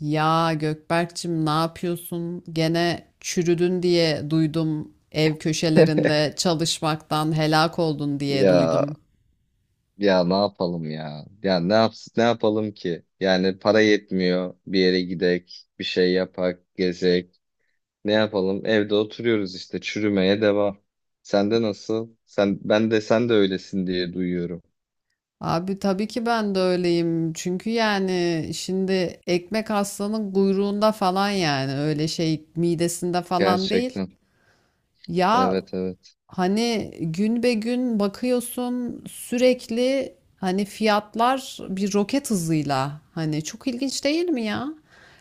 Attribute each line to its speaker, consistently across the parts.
Speaker 1: Ya, Gökberk'cim ne yapıyorsun? Gene çürüdün diye duydum. Ev köşelerinde çalışmaktan helak oldun diye
Speaker 2: Ya
Speaker 1: duydum.
Speaker 2: ya ne yapalım ya? Ya ne yapalım ki? Yani para yetmiyor. Bir yere gidek, bir şey yapak, gezek. Ne yapalım? Evde oturuyoruz işte çürümeye devam. Sende nasıl? Sen ben de sen de öylesin diye duyuyorum.
Speaker 1: Abi tabii ki ben de öyleyim. Çünkü yani şimdi ekmek aslanın kuyruğunda falan yani öyle şey midesinde falan değil.
Speaker 2: Gerçekten.
Speaker 1: Ya,
Speaker 2: Evet evet.
Speaker 1: hani gün be gün bakıyorsun sürekli, hani fiyatlar bir roket hızıyla, hani çok ilginç değil mi ya?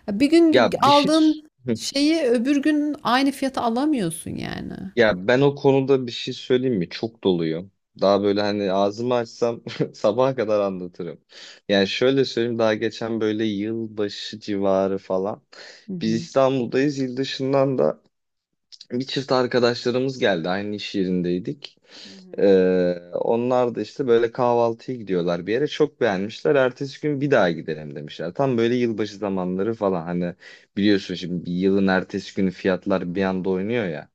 Speaker 1: Ya, bir gün
Speaker 2: Ya bir şey
Speaker 1: aldığın şeyi öbür gün aynı fiyata alamıyorsun yani.
Speaker 2: Ya ben o konuda bir şey söyleyeyim mi? Çok doluyum. Daha böyle hani ağzımı açsam sabaha kadar anlatırım. Yani şöyle söyleyeyim daha geçen böyle yılbaşı civarı falan.
Speaker 1: Hı
Speaker 2: Biz
Speaker 1: hı.
Speaker 2: İstanbul'dayız. Yıl dışından da bir çift arkadaşlarımız geldi. Aynı iş yerindeydik.
Speaker 1: Hı hı.
Speaker 2: Onlar da işte böyle kahvaltıya gidiyorlar bir yere. Çok beğenmişler. Ertesi gün bir daha gidelim demişler. Tam böyle yılbaşı zamanları falan. Hani biliyorsun şimdi bir yılın ertesi günü fiyatlar bir anda oynuyor ya.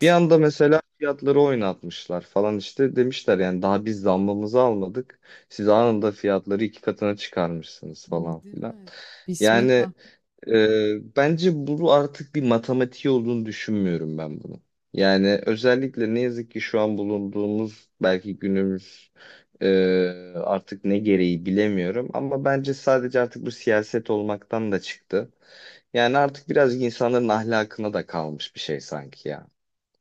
Speaker 2: Bir anda mesela fiyatları oynatmışlar falan işte demişler yani daha biz zammımızı almadık. Siz anında fiyatları iki katına çıkarmışsınız falan
Speaker 1: Değil
Speaker 2: filan.
Speaker 1: mi?
Speaker 2: Yani
Speaker 1: Bismillah.
Speaker 2: bence bu artık bir matematiği olduğunu düşünmüyorum ben bunu. Yani özellikle ne yazık ki şu an bulunduğumuz belki günümüz e, artık ne gereği bilemiyorum. Ama bence sadece artık bu siyaset olmaktan da çıktı. Yani artık birazcık insanların ahlakına da kalmış bir şey sanki ya.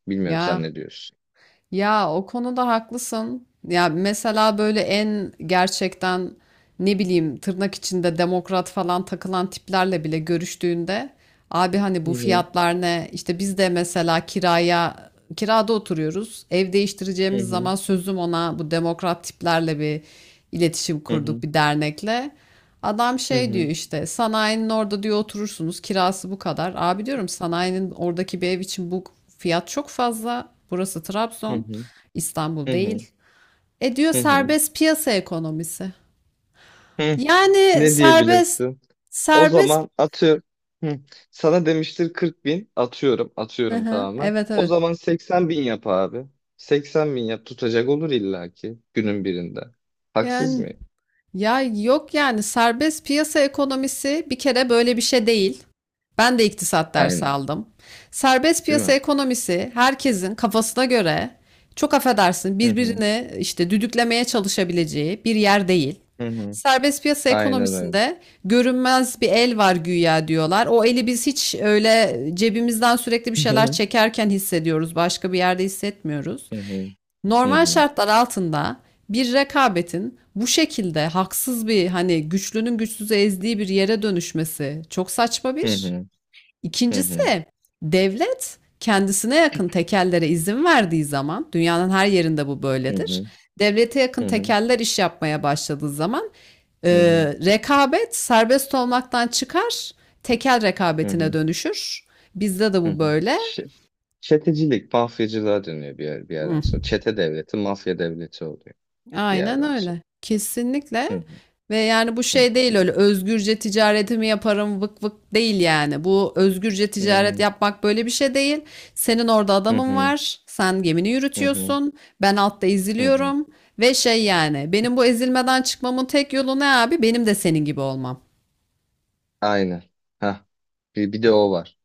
Speaker 2: Bilmiyorum sen
Speaker 1: Ya
Speaker 2: ne diyorsun?
Speaker 1: Ya, o konuda haklısın. Ya, mesela böyle en gerçekten ne bileyim tırnak içinde demokrat falan takılan tiplerle bile görüştüğünde abi hani
Speaker 2: Hı
Speaker 1: bu
Speaker 2: hı,
Speaker 1: fiyatlar ne? İşte biz de mesela kirada oturuyoruz. Ev
Speaker 2: hı
Speaker 1: değiştireceğimiz
Speaker 2: hı,
Speaker 1: zaman sözüm ona bu demokrat tiplerle bir iletişim
Speaker 2: hı hı,
Speaker 1: kurduk, bir dernekle. Adam
Speaker 2: hı
Speaker 1: şey
Speaker 2: hı,
Speaker 1: diyor işte, sanayinin orada diyor oturursunuz, kirası bu kadar. Abi diyorum, sanayinin oradaki bir ev için bu fiyat çok fazla. Burası
Speaker 2: hı
Speaker 1: Trabzon,
Speaker 2: hı,
Speaker 1: İstanbul
Speaker 2: hı hı,
Speaker 1: değil. E diyor,
Speaker 2: hı hı.
Speaker 1: serbest piyasa ekonomisi.
Speaker 2: Hı,
Speaker 1: Yani
Speaker 2: ne
Speaker 1: serbest
Speaker 2: diyebilirsin? O
Speaker 1: serbest
Speaker 2: zaman atıyorum. Hı, sana demiştir 40 bin. Atıyorum.
Speaker 1: Hı
Speaker 2: Atıyorum
Speaker 1: hı,
Speaker 2: tamamen.
Speaker 1: evet
Speaker 2: O
Speaker 1: evet.
Speaker 2: zaman 80 bin yap abi. 80 bin yap. Tutacak olur illaki günün birinde. Haksız
Speaker 1: Yani
Speaker 2: mıyım?
Speaker 1: ya yok, yani serbest piyasa ekonomisi bir kere böyle bir şey değil. Ben de iktisat dersi
Speaker 2: Aynen.
Speaker 1: aldım. Serbest
Speaker 2: Değil
Speaker 1: piyasa
Speaker 2: mi?
Speaker 1: ekonomisi herkesin kafasına göre, çok affedersin,
Speaker 2: Hı hı,
Speaker 1: birbirini işte düdüklemeye çalışabileceği bir yer değil.
Speaker 2: hı hı.
Speaker 1: Serbest piyasa
Speaker 2: Aynen öyle.
Speaker 1: ekonomisinde görünmez bir el var güya diyorlar. O eli biz hiç öyle cebimizden sürekli bir
Speaker 2: Hı
Speaker 1: şeyler
Speaker 2: hı,
Speaker 1: çekerken hissediyoruz. Başka bir yerde hissetmiyoruz.
Speaker 2: hı hı, hı
Speaker 1: Normal
Speaker 2: hı,
Speaker 1: şartlar altında bir rekabetin bu şekilde haksız bir, hani güçlünün güçsüzü ezdiği bir yere dönüşmesi çok saçma
Speaker 2: hı
Speaker 1: bir.
Speaker 2: hı, hı hı,
Speaker 1: İkincisi, devlet kendisine yakın tekellere izin verdiği zaman, dünyanın her yerinde bu
Speaker 2: hı
Speaker 1: böyledir.
Speaker 2: hı,
Speaker 1: Devlete yakın
Speaker 2: hı hı,
Speaker 1: tekeller iş yapmaya başladığı zaman e,
Speaker 2: hı hı,
Speaker 1: rekabet serbest olmaktan çıkar, tekel
Speaker 2: hı
Speaker 1: rekabetine
Speaker 2: hı.
Speaker 1: dönüşür. Bizde de
Speaker 2: Hı
Speaker 1: bu
Speaker 2: hı.
Speaker 1: böyle.
Speaker 2: Ç- Çetecilik, mafyacılığa dönüyor bir yer, bir yerden
Speaker 1: Hmm,
Speaker 2: sonra. Çete devleti, mafya devleti oluyor bir
Speaker 1: aynen
Speaker 2: yerden sonra.
Speaker 1: öyle. Kesinlikle.
Speaker 2: Hı hı
Speaker 1: Ve yani bu şey değil, öyle özgürce ticaretimi yaparım vık vık değil yani. Bu özgürce ticaret
Speaker 2: hı
Speaker 1: yapmak böyle bir şey değil. Senin orada
Speaker 2: hı hı
Speaker 1: adamın
Speaker 2: hı
Speaker 1: var. Sen gemini
Speaker 2: hı
Speaker 1: yürütüyorsun. Ben altta
Speaker 2: hı hı.
Speaker 1: eziliyorum. Ve şey yani, benim bu ezilmeden çıkmamın tek yolu ne abi? Benim de senin gibi olmam.
Speaker 2: Aynen. Ha. Bir de o var.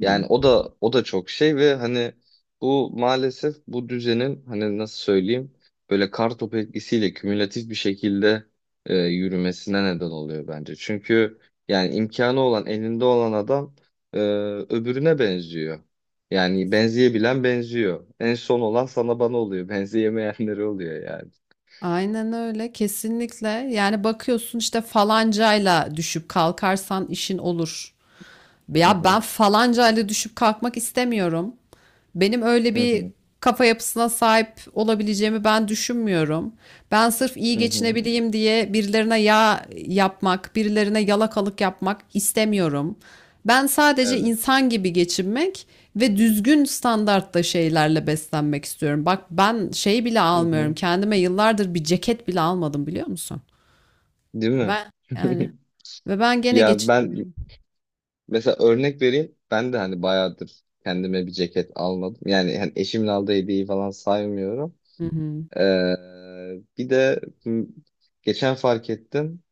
Speaker 1: Hı.
Speaker 2: Yani o da çok şey ve hani bu maalesef bu düzenin hani nasıl söyleyeyim böyle kar topu etkisiyle kümülatif bir şekilde yürümesine neden oluyor bence. Çünkü yani imkanı olan elinde olan adam e, öbürüne benziyor. Yani benzeyebilen benziyor. En son olan sana bana oluyor. Benzeyemeyenleri oluyor yani.
Speaker 1: Aynen öyle, kesinlikle. Yani bakıyorsun işte, falancayla düşüp kalkarsan işin olur.
Speaker 2: Hı
Speaker 1: Ya,
Speaker 2: hı.
Speaker 1: ben falanca ile düşüp kalkmak istemiyorum. Benim öyle
Speaker 2: Hı
Speaker 1: bir
Speaker 2: hı.
Speaker 1: kafa yapısına sahip olabileceğimi ben düşünmüyorum. Ben sırf iyi
Speaker 2: Hı hı.
Speaker 1: geçinebileyim diye birilerine yağ yapmak, birilerine yalakalık yapmak istemiyorum. Ben sadece
Speaker 2: Evet.
Speaker 1: insan gibi geçinmek ve düzgün standartta şeylerle beslenmek istiyorum. Bak, ben şey bile
Speaker 2: Hı
Speaker 1: almıyorum.
Speaker 2: hı.
Speaker 1: Kendime yıllardır bir ceket bile almadım, biliyor musun?
Speaker 2: Değil mi?
Speaker 1: Ben yani, ve ben gene
Speaker 2: Ya ben
Speaker 1: geçinemiyorum.
Speaker 2: mesela örnek vereyim. Ben de hani bayağıdır kendime bir ceket almadım. Yani hani eşimin aldığı hediyeyi falan saymıyorum.
Speaker 1: Hı hı.
Speaker 2: Bir de geçen fark ettim.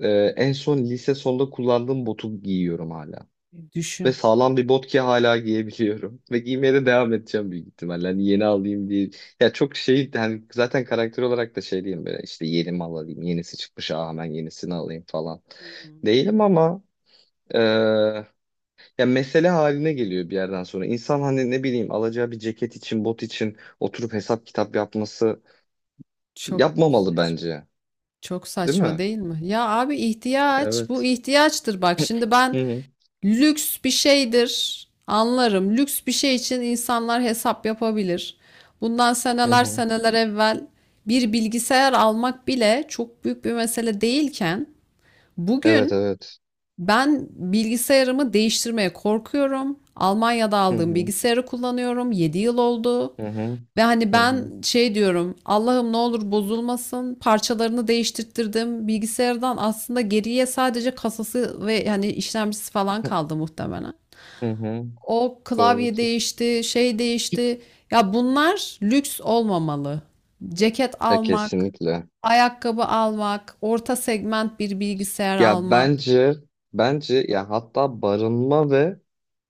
Speaker 2: En son lise sonunda kullandığım botu giyiyorum hala. Ve
Speaker 1: Düşün.
Speaker 2: sağlam bir bot ki hala giyebiliyorum. Ve giymeye de devam edeceğim büyük ihtimalle. Hani yeni alayım diye. Ya çok şey hani zaten karakter olarak da şey diyeyim böyle işte yeni mal alayım. Yenisi çıkmış aa hemen yenisini alayım falan. Değilim ama ee, ya mesele haline geliyor bir yerden sonra. İnsan hani ne bileyim alacağı bir ceket için, bot için oturup hesap kitap yapması
Speaker 1: Çok
Speaker 2: yapmamalı
Speaker 1: saçma.
Speaker 2: bence.
Speaker 1: Çok
Speaker 2: Değil
Speaker 1: saçma
Speaker 2: mi?
Speaker 1: değil mi? Ya abi, ihtiyaç, bu
Speaker 2: Evet.
Speaker 1: ihtiyaçtır bak. Şimdi
Speaker 2: Hı
Speaker 1: ben
Speaker 2: hı.
Speaker 1: lüks bir şeydir anlarım. Lüks bir şey için insanlar hesap yapabilir. Bundan
Speaker 2: Hı
Speaker 1: seneler
Speaker 2: hı.
Speaker 1: seneler evvel bir bilgisayar almak bile çok büyük bir mesele değilken,
Speaker 2: Evet
Speaker 1: bugün
Speaker 2: evet.
Speaker 1: ben bilgisayarımı değiştirmeye korkuyorum. Almanya'da
Speaker 2: Hı
Speaker 1: aldığım
Speaker 2: hı.
Speaker 1: bilgisayarı kullanıyorum. 7 yıl oldu.
Speaker 2: Hı hı.
Speaker 1: Ve hani
Speaker 2: Hı
Speaker 1: ben
Speaker 2: hı.
Speaker 1: şey diyorum, Allah'ım ne olur bozulmasın, parçalarını değiştirttirdim bilgisayardan, aslında geriye sadece kasası ve hani işlemcisi falan kaldı muhtemelen.
Speaker 2: Hı hı.
Speaker 1: O klavye
Speaker 2: Doğrudur.
Speaker 1: değişti, şey değişti, ya bunlar lüks olmamalı. Ceket
Speaker 2: Ya
Speaker 1: almak,
Speaker 2: kesinlikle.
Speaker 1: ayakkabı almak, orta segment bir bilgisayar
Speaker 2: Ya
Speaker 1: almak.
Speaker 2: bence ya hatta barınma ve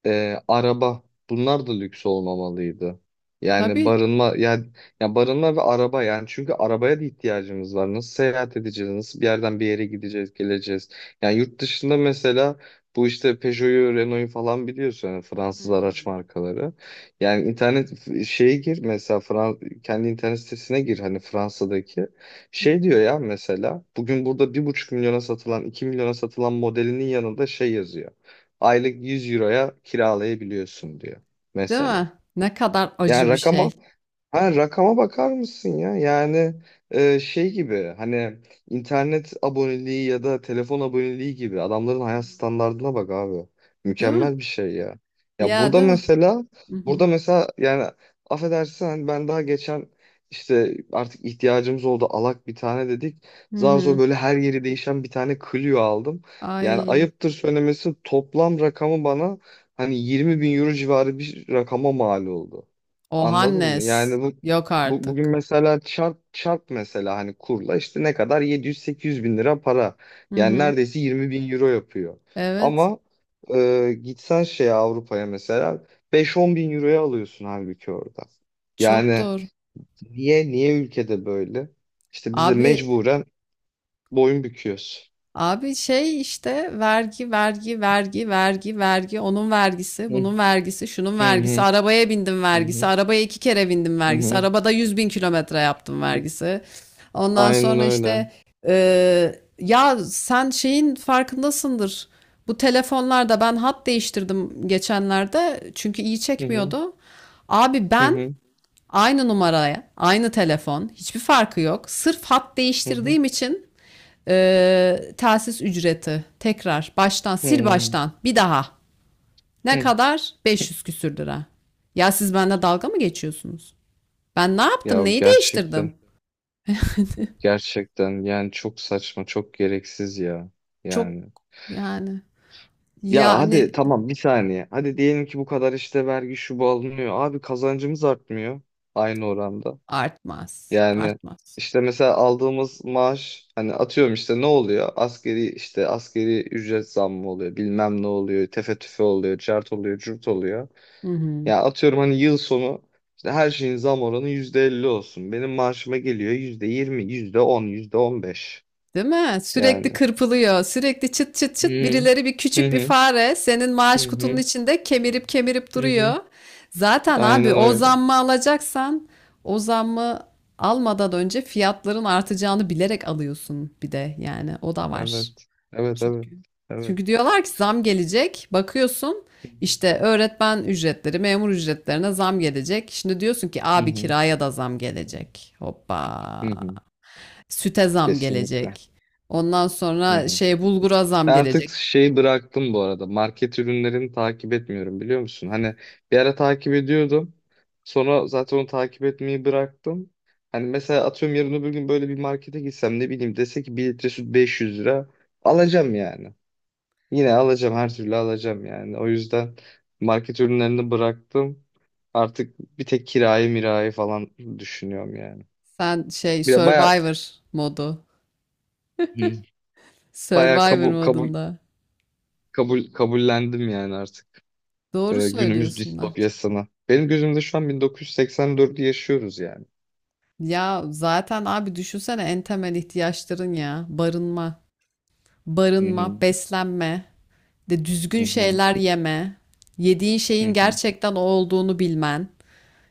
Speaker 2: araba bunlar da lüks olmamalıydı. Yani
Speaker 1: Tabii.
Speaker 2: barınma yani ya barınma ve araba yani çünkü arabaya da ihtiyacımız var. Nasıl seyahat edeceğiz? Nasıl bir yerden bir yere gideceğiz, geleceğiz? Yani yurt dışında mesela bu işte Peugeot'u, Renault'u falan biliyorsun yani
Speaker 1: Hı
Speaker 2: Fransız araç
Speaker 1: hı.
Speaker 2: markaları. Yani internet şeye gir mesela kendi internet sitesine gir hani Fransa'daki.
Speaker 1: Hı
Speaker 2: Şey
Speaker 1: hı.
Speaker 2: diyor ya mesela bugün burada bir buçuk milyona satılan, iki milyona satılan modelinin yanında şey yazıyor aylık 100 euroya kiralayabiliyorsun diyor
Speaker 1: Değil
Speaker 2: mesela.
Speaker 1: mi? Ne kadar
Speaker 2: Yani
Speaker 1: acı bir
Speaker 2: rakama
Speaker 1: şey.
Speaker 2: ha, rakama bakar mısın ya? Yani şey gibi hani internet aboneliği ya da telefon aboneliği gibi adamların hayat standardına bak abi.
Speaker 1: Değil mi?
Speaker 2: Mükemmel bir şey ya. Ya
Speaker 1: Ya,
Speaker 2: burada
Speaker 1: değil mi?
Speaker 2: mesela
Speaker 1: Hı
Speaker 2: burada
Speaker 1: hı.
Speaker 2: mesela yani affedersin hani ben daha geçen işte artık ihtiyacımız oldu alak bir tane dedik.
Speaker 1: Hı
Speaker 2: Zar zor
Speaker 1: hı.
Speaker 2: böyle her yeri değişen bir tane Clio aldım. Yani
Speaker 1: Ay.
Speaker 2: ayıptır söylemesi toplam rakamı bana hani 20 bin euro civarı bir rakama mal oldu. Anladın mı?
Speaker 1: Ohannes.
Speaker 2: Yani bu,
Speaker 1: Yok
Speaker 2: bu bugün
Speaker 1: artık.
Speaker 2: mesela çarp çarp mesela hani kurla işte ne kadar 700-800 bin lira para.
Speaker 1: Hı
Speaker 2: Yani
Speaker 1: hı.
Speaker 2: neredeyse 20 bin euro yapıyor.
Speaker 1: Evet.
Speaker 2: Ama gitsen şeye Avrupa'ya mesela 5-10 bin euroya alıyorsun halbuki orada.
Speaker 1: Çok
Speaker 2: Yani
Speaker 1: doğru.
Speaker 2: niye niye ülkede böyle? İşte biz de
Speaker 1: Abi,
Speaker 2: mecburen boyun büküyoruz.
Speaker 1: şey işte, vergi, vergi, vergi, vergi, vergi, onun vergisi,
Speaker 2: Hı
Speaker 1: bunun vergisi, şunun
Speaker 2: hı
Speaker 1: vergisi,
Speaker 2: hı
Speaker 1: arabaya bindim
Speaker 2: hı
Speaker 1: vergisi,
Speaker 2: hı.
Speaker 1: arabaya iki kere bindim
Speaker 2: Hı
Speaker 1: vergisi,
Speaker 2: hı.
Speaker 1: arabada 100.000 kilometre yaptım vergisi. Ondan
Speaker 2: Aynen
Speaker 1: sonra
Speaker 2: öyle.
Speaker 1: işte e, ya sen şeyin farkındasındır. Bu telefonlarda ben hat değiştirdim geçenlerde, çünkü iyi
Speaker 2: Hı hı
Speaker 1: çekmiyordu. Abi
Speaker 2: hı
Speaker 1: ben,
Speaker 2: hı
Speaker 1: aynı numaraya, aynı telefon, hiçbir farkı yok. Sırf hat
Speaker 2: hı
Speaker 1: değiştirdiğim için telsiz ücreti, tekrar baştan, sil
Speaker 2: hı.
Speaker 1: baştan bir daha. Ne
Speaker 2: Hı.
Speaker 1: kadar? 500 küsür lira. Ya, siz benimle dalga mı geçiyorsunuz? Ben ne yaptım?
Speaker 2: Ya
Speaker 1: Neyi değiştirdim?
Speaker 2: gerçekten. Gerçekten yani çok saçma, çok gereksiz ya.
Speaker 1: Çok,
Speaker 2: Yani
Speaker 1: yani
Speaker 2: ya evet. Hadi
Speaker 1: yani
Speaker 2: tamam bir saniye. Hadi diyelim ki bu kadar işte vergi şu bu alınıyor. Abi kazancımız artmıyor aynı oranda.
Speaker 1: artmaz,
Speaker 2: Yani
Speaker 1: artmaz.
Speaker 2: işte mesela aldığımız maaş hani atıyorum işte ne oluyor? Asgari işte asgari ücret zammı oluyor. Bilmem ne oluyor. Tefe tüfe oluyor. Cart oluyor. Cürt oluyor.
Speaker 1: Hı hı.
Speaker 2: Ya atıyorum hani yıl sonu işte her şeyin zam oranı %50 olsun. Benim maaşıma geliyor yüzde yirmi yüzde on yüzde on beş.
Speaker 1: Değil mi?
Speaker 2: Yani
Speaker 1: Sürekli kırpılıyor. Sürekli çıt çıt
Speaker 2: hı
Speaker 1: çıt, birileri, bir
Speaker 2: hı
Speaker 1: küçük bir
Speaker 2: hı
Speaker 1: fare senin
Speaker 2: hı
Speaker 1: maaş kutunun
Speaker 2: hı.
Speaker 1: içinde kemirip kemirip
Speaker 2: Hı
Speaker 1: duruyor.
Speaker 2: hı.
Speaker 1: Zaten abi,
Speaker 2: Aynen
Speaker 1: o
Speaker 2: öyle.
Speaker 1: zammı alacaksan o zammı almadan önce fiyatların artacağını bilerek alıyorsun, bir de yani o da var.
Speaker 2: Evet. Evet evet.
Speaker 1: Çünkü
Speaker 2: Evet.
Speaker 1: diyorlar ki zam gelecek. Bakıyorsun işte, öğretmen ücretleri, memur ücretlerine zam gelecek. Şimdi diyorsun ki
Speaker 2: Hı
Speaker 1: abi,
Speaker 2: hı
Speaker 1: kiraya da zam gelecek. Hoppa.
Speaker 2: hı hı.
Speaker 1: Süte zam
Speaker 2: Kesinlikle.
Speaker 1: gelecek. Ondan
Speaker 2: Hı
Speaker 1: sonra
Speaker 2: hı.
Speaker 1: şey, bulgura zam
Speaker 2: Ben artık
Speaker 1: gelecek.
Speaker 2: şeyi bıraktım bu arada. Market ürünlerini takip etmiyorum biliyor musun? Hani bir ara takip ediyordum. Sonra zaten onu takip etmeyi bıraktım. Hani mesela atıyorum yarın öbür gün böyle bir markete gitsem ne bileyim dese ki 1 litre süt 500 lira alacağım yani. Yine alacağım her türlü alacağım yani. O yüzden market ürünlerini bıraktım. Artık bir tek kirayı mirayı falan düşünüyorum yani.
Speaker 1: Sen şey
Speaker 2: Bir de baya
Speaker 1: Survivor modu.
Speaker 2: hı. Baya
Speaker 1: Survivor
Speaker 2: kabul kabul
Speaker 1: modunda.
Speaker 2: kabul kabullendim yani artık
Speaker 1: Doğru
Speaker 2: günümüz
Speaker 1: söylüyorsun Nahçe.
Speaker 2: distopyasını. Benim gözümde şu an 1984'ü yaşıyoruz yani.
Speaker 1: Ya zaten abi, düşünsene en temel ihtiyaçların ya. Barınma,
Speaker 2: Hı hı.
Speaker 1: barınma, beslenme, de
Speaker 2: Hı
Speaker 1: düzgün
Speaker 2: hı.
Speaker 1: şeyler yeme, yediğin
Speaker 2: Hı
Speaker 1: şeyin
Speaker 2: hı.
Speaker 1: gerçekten o olduğunu bilmen.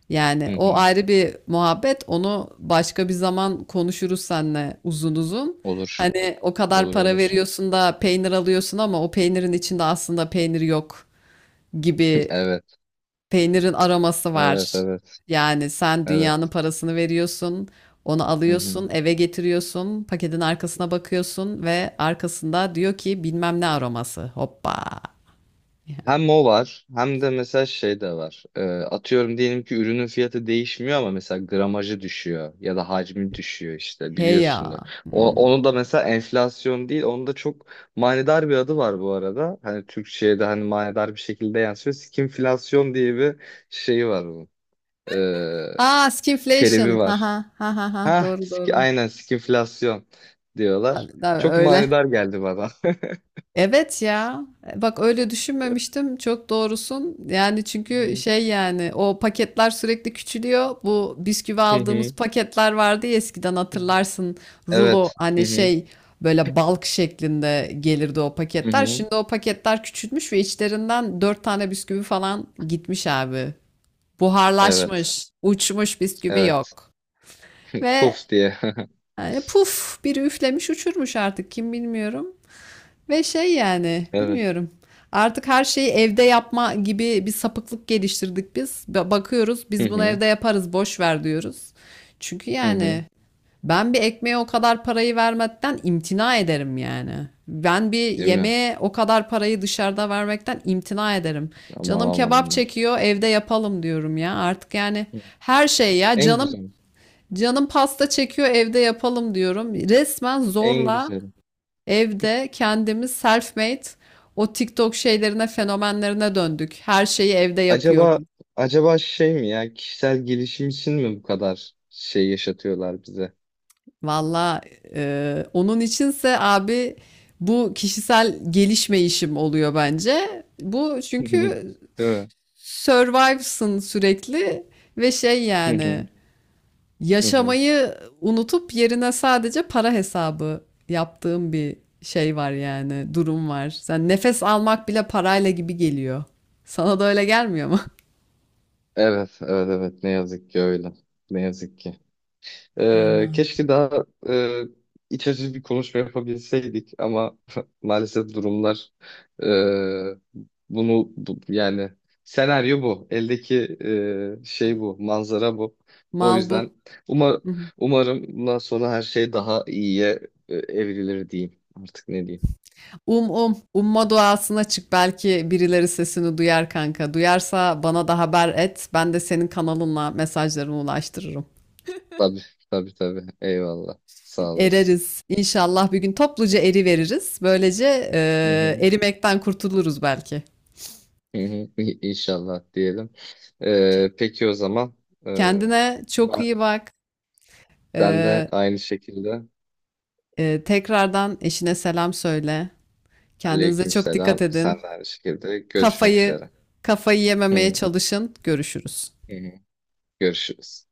Speaker 1: Yani
Speaker 2: Hı
Speaker 1: o
Speaker 2: hı.
Speaker 1: ayrı bir muhabbet. Onu başka bir zaman konuşuruz seninle uzun uzun.
Speaker 2: Olur.
Speaker 1: Hani o kadar
Speaker 2: Olur
Speaker 1: para
Speaker 2: olur.
Speaker 1: veriyorsun da peynir alıyorsun, ama o peynirin içinde aslında peynir yok gibi,
Speaker 2: Evet.
Speaker 1: peynirin aroması
Speaker 2: Evet
Speaker 1: var.
Speaker 2: evet.
Speaker 1: Yani sen dünyanın
Speaker 2: Evet.
Speaker 1: parasını veriyorsun, onu
Speaker 2: Hı hı.
Speaker 1: alıyorsun, eve getiriyorsun, paketin arkasına bakıyorsun ve arkasında diyor ki bilmem ne aroması. Hoppa.
Speaker 2: Hem o var hem de mesela şey de var. Atıyorum diyelim ki ürünün fiyatı değişmiyor ama mesela gramajı düşüyor ya da hacmi düşüyor işte
Speaker 1: Hey
Speaker 2: biliyorsun da.
Speaker 1: ya.
Speaker 2: O, onu
Speaker 1: Hmm.
Speaker 2: da mesela enflasyon değil onun da çok manidar bir adı var bu arada. Hani Türkçe'ye de hani manidar bir şekilde yansıyor. Skinflasyon diye bir şeyi var bunun. Ee,
Speaker 1: Aa, skinflation.
Speaker 2: terimi
Speaker 1: Ha
Speaker 2: var.
Speaker 1: ha ha ha ha.
Speaker 2: Ha,
Speaker 1: Doğru, doğru.
Speaker 2: aynen skinflasyon diyorlar.
Speaker 1: Tabii,
Speaker 2: Çok
Speaker 1: öyle.
Speaker 2: manidar geldi bana.
Speaker 1: Evet ya. Bak, öyle düşünmemiştim. Çok doğrusun. Yani
Speaker 2: Hı
Speaker 1: çünkü
Speaker 2: hı.
Speaker 1: şey, yani o paketler sürekli küçülüyor. Bu bisküvi
Speaker 2: Hı
Speaker 1: aldığımız
Speaker 2: hı.
Speaker 1: paketler vardı ya eskiden, hatırlarsın. Rulo,
Speaker 2: Evet. Hı
Speaker 1: hani
Speaker 2: hı.
Speaker 1: şey, böyle balk şeklinde gelirdi o
Speaker 2: Hı
Speaker 1: paketler.
Speaker 2: hı.
Speaker 1: Şimdi o paketler küçülmüş ve içlerinden dört tane bisküvi falan gitmiş abi.
Speaker 2: Evet.
Speaker 1: Buharlaşmış, uçmuş, bisküvi
Speaker 2: Evet.
Speaker 1: yok. Ve
Speaker 2: Puf diye.
Speaker 1: yani puf, biri üflemiş uçurmuş artık kim bilmiyorum. Ve şey yani,
Speaker 2: Evet.
Speaker 1: bilmiyorum. Artık her şeyi evde yapma gibi bir sapıklık geliştirdik biz. Bakıyoruz
Speaker 2: Hı
Speaker 1: biz bunu
Speaker 2: hı.
Speaker 1: evde yaparız, boş ver diyoruz. Çünkü
Speaker 2: Hı hı.
Speaker 1: yani ben bir ekmeğe o kadar parayı vermekten imtina ederim yani. Ben bir
Speaker 2: Değil mi?
Speaker 1: yemeğe o kadar parayı dışarıda vermekten imtina ederim.
Speaker 2: Aman
Speaker 1: Canım
Speaker 2: aman
Speaker 1: kebap
Speaker 2: aman.
Speaker 1: çekiyor, evde yapalım diyorum ya. Artık yani
Speaker 2: Hı.
Speaker 1: her şey, ya
Speaker 2: En
Speaker 1: canım,
Speaker 2: güzel.
Speaker 1: pasta çekiyor, evde yapalım diyorum. Resmen
Speaker 2: En
Speaker 1: zorla
Speaker 2: güzeli.
Speaker 1: evde kendimiz self-made, o TikTok şeylerine, fenomenlerine döndük. Her şeyi evde
Speaker 2: Acaba
Speaker 1: yapıyorum.
Speaker 2: şey mi ya kişisel gelişim için mi bu kadar şey yaşatıyorlar bize?
Speaker 1: Valla onun içinse abi, bu kişisel gelişme işim oluyor bence. Bu
Speaker 2: Hı hı.
Speaker 1: çünkü
Speaker 2: Değil mi?
Speaker 1: survive'sın sürekli, ve şey
Speaker 2: Hı hı.
Speaker 1: yani,
Speaker 2: Hı hı.
Speaker 1: yaşamayı unutup yerine sadece para hesabı yaptığım bir şey var, yani durum var. Sen, nefes almak bile parayla gibi geliyor. Sana da öyle gelmiyor mu?
Speaker 2: Evet, evet, evet. Ne yazık ki öyle. Ne yazık ki.
Speaker 1: Aman.
Speaker 2: Keşke daha iç açıcı bir konuşma yapabilseydik ama maalesef durumlar e, bunu yani senaryo bu. Eldeki şey bu, manzara bu. O
Speaker 1: Mal
Speaker 2: yüzden
Speaker 1: bu.
Speaker 2: umar,
Speaker 1: Hı hı.
Speaker 2: umarım bundan sonra her şey daha iyiye evrilir diyeyim. Artık ne diyeyim?
Speaker 1: Um um. Umma duasına çık. Belki birileri sesini duyar kanka. Duyarsa bana da haber et. Ben de senin kanalınla mesajlarını ulaştırırım.
Speaker 2: Tabii tabii tabii. Eyvallah. Sağ olasın.
Speaker 1: Ereriz. İnşallah bir gün topluca eri veririz. Böylece
Speaker 2: Hı hı,
Speaker 1: erimekten kurtuluruz belki.
Speaker 2: hı hı. İnşallah diyelim. Peki o zaman. Ee,
Speaker 1: Kendine çok iyi bak.
Speaker 2: Sen de
Speaker 1: Eee,
Speaker 2: aynı şekilde.
Speaker 1: tekrardan eşine selam söyle. Kendinize çok dikkat
Speaker 2: Aleykümselam. Sen
Speaker 1: edin.
Speaker 2: de aynı şekilde. Görüşmek
Speaker 1: Kafayı
Speaker 2: üzere.
Speaker 1: kafayı yememeye
Speaker 2: Hı
Speaker 1: çalışın. Görüşürüz.
Speaker 2: hı. Görüşürüz.